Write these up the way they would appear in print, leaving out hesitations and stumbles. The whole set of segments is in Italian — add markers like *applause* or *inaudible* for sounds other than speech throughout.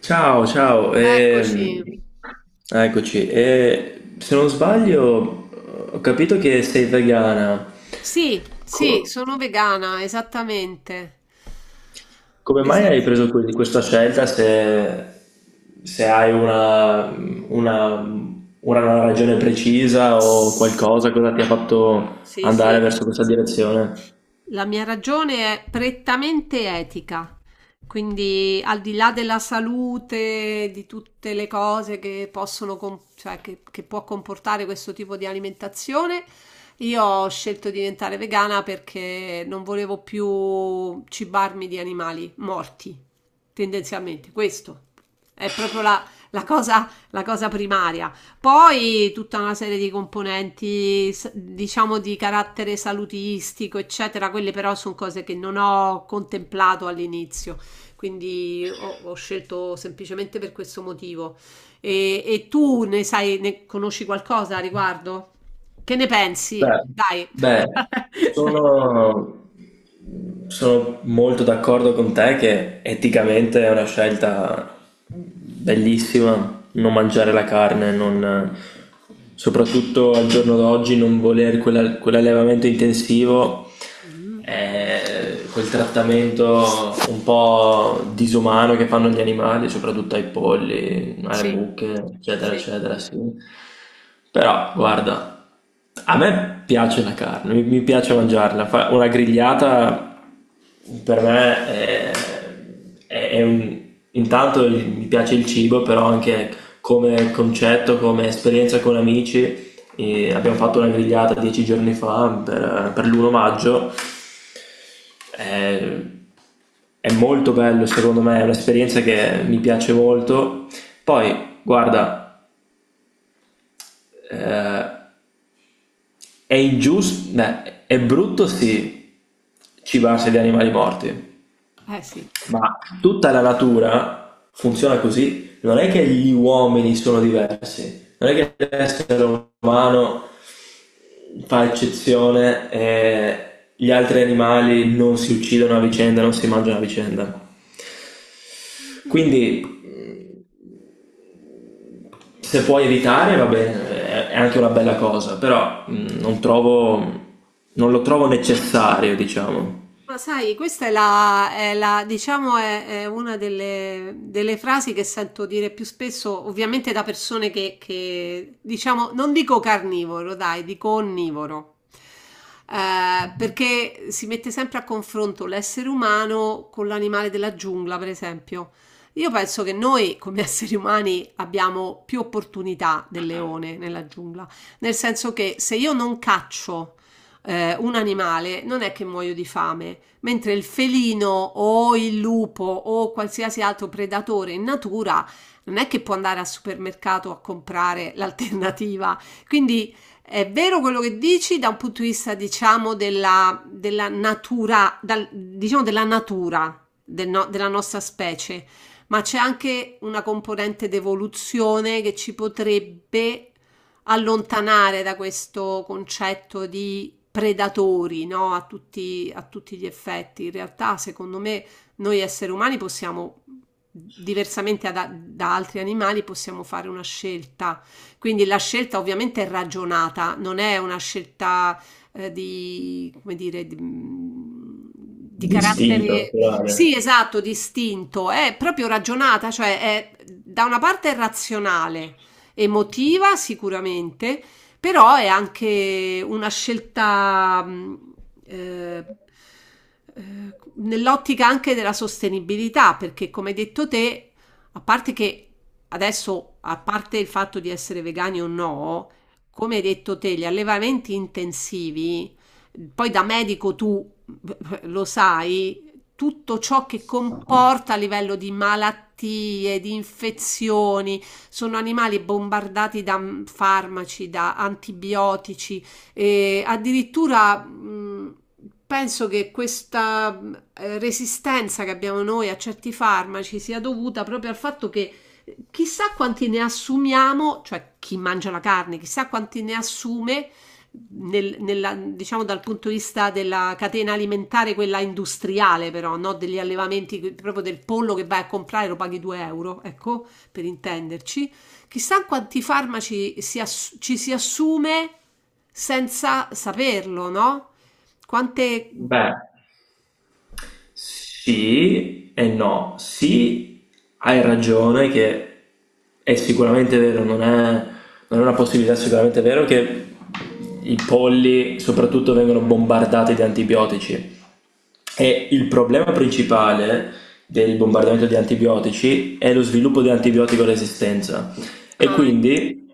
Ciao, ciao, Eccoci. Eccoci. E se non sbaglio, ho capito che sei vegana. Sì, sì, Co- sono vegana, esattamente. Come mai hai Esatto. preso questa scelta se, se hai una, una, una ragione precisa o Sì, qualcosa, cosa ti ha fatto andare sì. verso questa direzione? La mia ragione è prettamente etica, quindi al di là della salute, di tutte le cose che possono, cioè che può comportare questo tipo di alimentazione, io ho scelto di diventare vegana perché non volevo più cibarmi di animali morti. Tendenzialmente questo è proprio la cosa primaria. Poi tutta una serie di componenti, diciamo, di carattere salutistico, eccetera, quelle però sono cose che non ho contemplato all'inizio, quindi ho scelto semplicemente per questo motivo. E tu ne sai, ne conosci qualcosa a riguardo? Che ne pensi? Beh, Dai. beh, *laughs* sono, sono molto d'accordo con te che eticamente è una scelta bellissima, non mangiare la carne, soprattutto al giorno d'oggi, non voler quell'allevamento intensivo, Mm, quel trattamento un po' disumano che fanno gli animali, soprattutto ai polli, alle sì, buche, eccetera, sì, eccetera, sì. Però, guarda, a me piace la carne, mi piace mangiarla. Una grigliata per me è un... Intanto mi piace il cibo, però anche come concetto, come esperienza con amici. E abbiamo fatto una grigliata 10 giorni fa per l'1 maggio. È, è molto bello, secondo me, è un'esperienza che mi piace molto. Poi, guarda, eh, è ingiusto, beh, è brutto sì cibarsi di animali morti, eh sì. ma tutta la natura funziona così. Non è che gli uomini sono diversi, non è che l'essere umano fa eccezione e gli altri animali non si uccidono a vicenda, non si mangiano a vicenda. Quindi se puoi evitare, va bene, è anche una bella cosa, però non lo trovo necessario, diciamo, Ma sai, questa è diciamo, è una delle, delle frasi che sento dire più spesso, ovviamente da persone che diciamo, non dico carnivoro, dai, dico onnivoro. Perché si mette sempre a confronto l'essere umano con l'animale della giungla, per esempio. Io penso che noi, come *laughs* esseri umani, abbiamo più opportunità del leone nella giungla, nel senso che se io non caccio, un animale, non è che muoio di fame, mentre il felino o il lupo o qualsiasi altro predatore in natura non è che può andare al supermercato a comprare *laughs* l'alternativa. Quindi è vero quello che dici da un punto di vista, diciamo, della natura, diciamo della natura del no- della nostra specie, ma c'è anche una componente d'evoluzione che ci potrebbe allontanare da questo concetto di predatori, no? A tutti gli effetti. In realtà, secondo me, noi esseri umani possiamo, diversamente da altri animali, possiamo fare una scelta. Quindi la scelta ovviamente è ragionata, non è una scelta di, come dire, di d'istinto carattere, naturale. sì, esatto, distinto, è proprio ragionata, cioè è, da una parte è razionale, emotiva sicuramente, però è anche una scelta eh, eh, nell'ottica anche della sostenibilità, perché come hai detto te, a parte che adesso, a parte il fatto di essere vegani o no, come hai detto te, gli allevamenti intensivi, poi da medico tu *laughs* lo sai, tutto ciò che comporta a livello di malattie, di infezioni, sono animali bombardati da farmaci, da antibiotici e addirittura penso che questa resistenza che abbiamo noi a certi farmaci sia dovuta proprio al fatto che chissà quanti ne assumiamo, cioè chi mangia la carne, chissà quanti ne assume diciamo dal punto di vista della catena alimentare, quella industriale, però, no? Degli allevamenti, proprio del pollo che vai a comprare lo paghi 2 euro, ecco, per intenderci. Chissà quanti farmaci ci si assume senza saperlo, no? Quante... Beh, sì e no. Sì, hai ragione che è sicuramente vero, non è una possibilità, sicuramente vero che i polli soprattutto vengono bombardati di antibiotici. E il problema principale del bombardamento di antibiotici è lo sviluppo di antibiotico resistenza. E Ah, ecco, quindi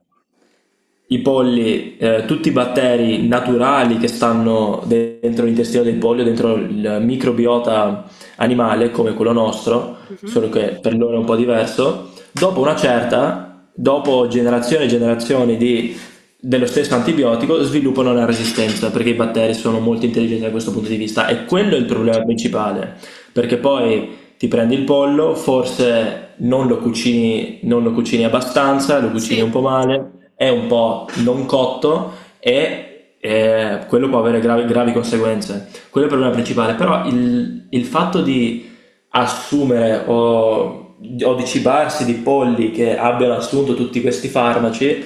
i polli, tutti i batteri naturali che stanno dentro l'intestino del pollo, dentro il microbiota animale come quello nostro, solo mhm, che per loro è un po' diverso, dopo dopo generazioni e generazioni dello stesso antibiotico, sviluppano una resistenza perché i batteri sono molto intelligenti da questo punto di vista e quello è il certo. problema principale, perché poi ti prendi il pollo, forse non lo cucini, non lo cucini abbastanza, lo cucini Sì, un po' male, è un po' non cotto e quello può avere gravi, gravi conseguenze. Quello è il problema principale, però il fatto di assumere o di cibarsi di polli che abbiano assunto tutti questi farmaci,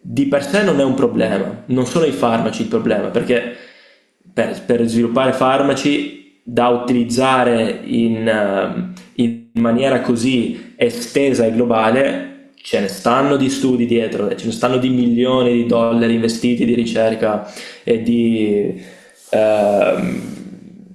di per sé non è un problema, non sono i farmaci il problema, perché per sviluppare farmaci da utilizzare in, in maniera così estesa e globale, ce ne stanno di studi dietro, ce ne stanno di milioni di dollari investiti di ricerca e ehm,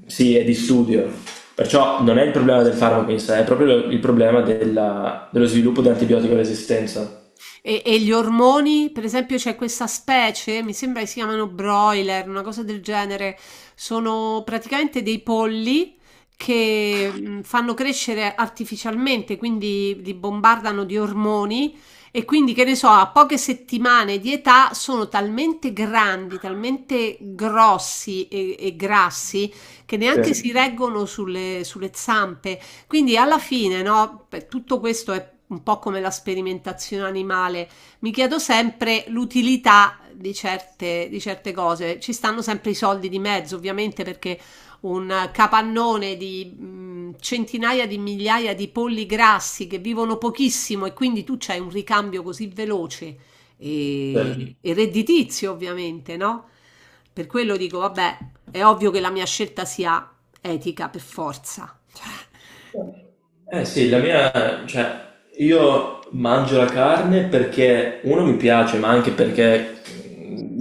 sì, e di studio. Perciò non è il problema del farmaco in sé, è proprio il problema dello sviluppo dell'antibiotico resistenza. e gli ormoni, per esempio, c'è questa specie, mi sembra che si chiamano broiler, una cosa del genere, sono praticamente dei polli che fanno crescere artificialmente, quindi li bombardano di ormoni e quindi, che ne so, a poche settimane di età sono talmente grandi, talmente grossi e grassi che neanche si Sì. reggono sulle, sulle zampe. Quindi alla fine, no, per tutto questo è un po' come la sperimentazione animale, mi chiedo sempre l'utilità di certe cose. Ci stanno sempre i soldi di mezzo, ovviamente, perché un capannone di centinaia di migliaia di polli grassi che vivono pochissimo e quindi tu c'hai un ricambio così veloce Sì. E redditizio, ovviamente, no? Per quello dico, vabbè, è ovvio che la mia scelta sia etica per forza. Cioè, Eh sì, la mia, cioè, io mangio la carne perché uno mi piace, ma anche perché mh,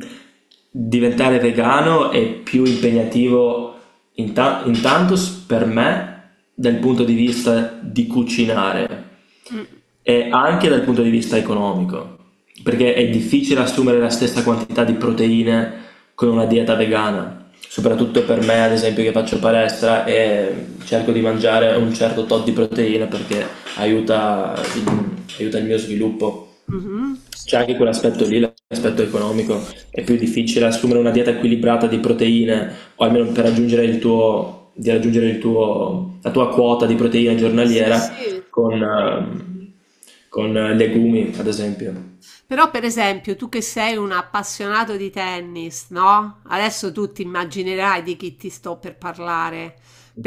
diventare vegano è più impegnativo, intanto per me dal punto di vista di cucinare mh, e anche dal punto di vista economico, perché è difficile assumere la stessa quantità di proteine con una dieta vegana, soprattutto per me, ad esempio, che faccio palestra e cerco di mangiare un certo tot di proteine perché aiuta, aiuta il mio sviluppo. mh-mh. C'è anche quell'aspetto lì, l'aspetto economico. È più difficile assumere una dieta equilibrata di proteine, o almeno per raggiungere di raggiungere il tuo, la tua quota di proteine Sì, giornaliera sì. con, ehm, con legumi, ad esempio. Però per esempio tu che sei un appassionato di tennis, no? Adesso tu ti immaginerai di chi ti sto per parlare,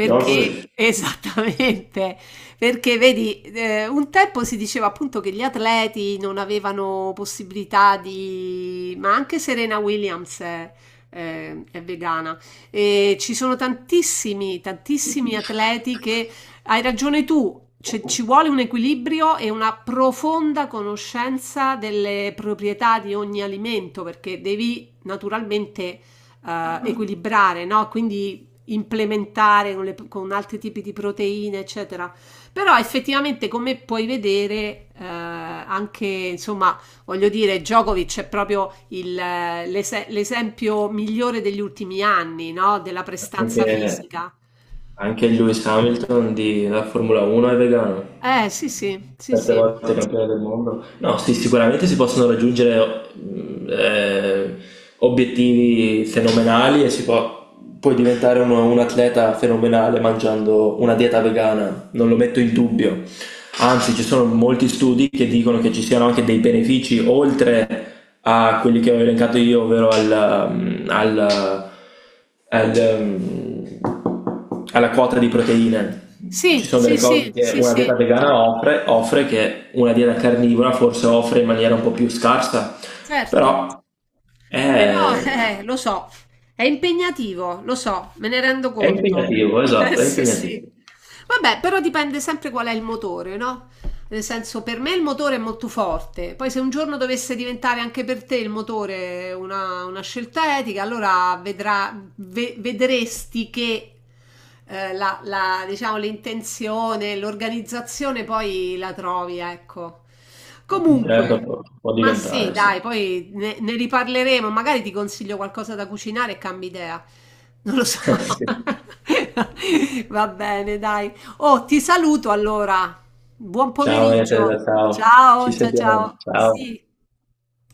Djokovic, *laughs* esattamente, perché vedi, un tempo si diceva appunto che gli atleti non avevano possibilità di, ma anche Serena Williams è, è vegana e ci sono tantissimi, tantissimi atleti che hai ragione tu, ci vuole un equilibrio e una profonda conoscenza delle proprietà di ogni alimento perché devi naturalmente equilibrare, no? Quindi implementare con, con altri tipi di proteine, eccetera. Però effettivamente, come puoi vedere, anche insomma, voglio dire, Djokovic è proprio il l'esempio migliore degli ultimi anni, no? Della prestanza anche, fisica. anche Lewis Hamilton della Formula 1 è vegano. Sì, sì, sì, Sette sì. volte campione del mondo. No, sì, sicuramente si possono raggiungere obiettivi fenomenali e puoi diventare un atleta fenomenale mangiando una dieta vegana, non lo metto in dubbio. Anzi, ci sono molti studi che dicono che ci siano anche dei benefici oltre a quelli che ho elencato io, ovvero al, mm, al, al, mm, alla quota di proteine. Ci Sì, sono delle sì, cose sì, che sì, una sì, dieta vegana offre che una dieta carnivora forse offre in maniera un po' più scarsa, certo. però è, Però, lo so, è impegnativo, lo so, me ne rendo è conto. *laughs* impegnativo, esatto, è sì, impegnativo. sì. Vabbè, però dipende sempre qual è il motore, no? Nel senso, per me il motore è molto forte. Poi se un giorno dovesse diventare anche per te il motore una scelta etica, allora vedrà, vedresti che la, la, diciamo, l'intenzione, l'organizzazione poi la trovi, ecco. Certo, Comunque, può, può ma sì, diventare, sì. dai, poi ne, ne riparleremo. Magari ti consiglio qualcosa da cucinare e cambi idea. Non lo so. *laughs* Sì. *laughs* Va bene, dai. Oh, ti saluto allora. Buon Ciao, Ete, pomeriggio. ciao. Ci Ciao, ciao, sentiamo. ciao. Ciao. Sì.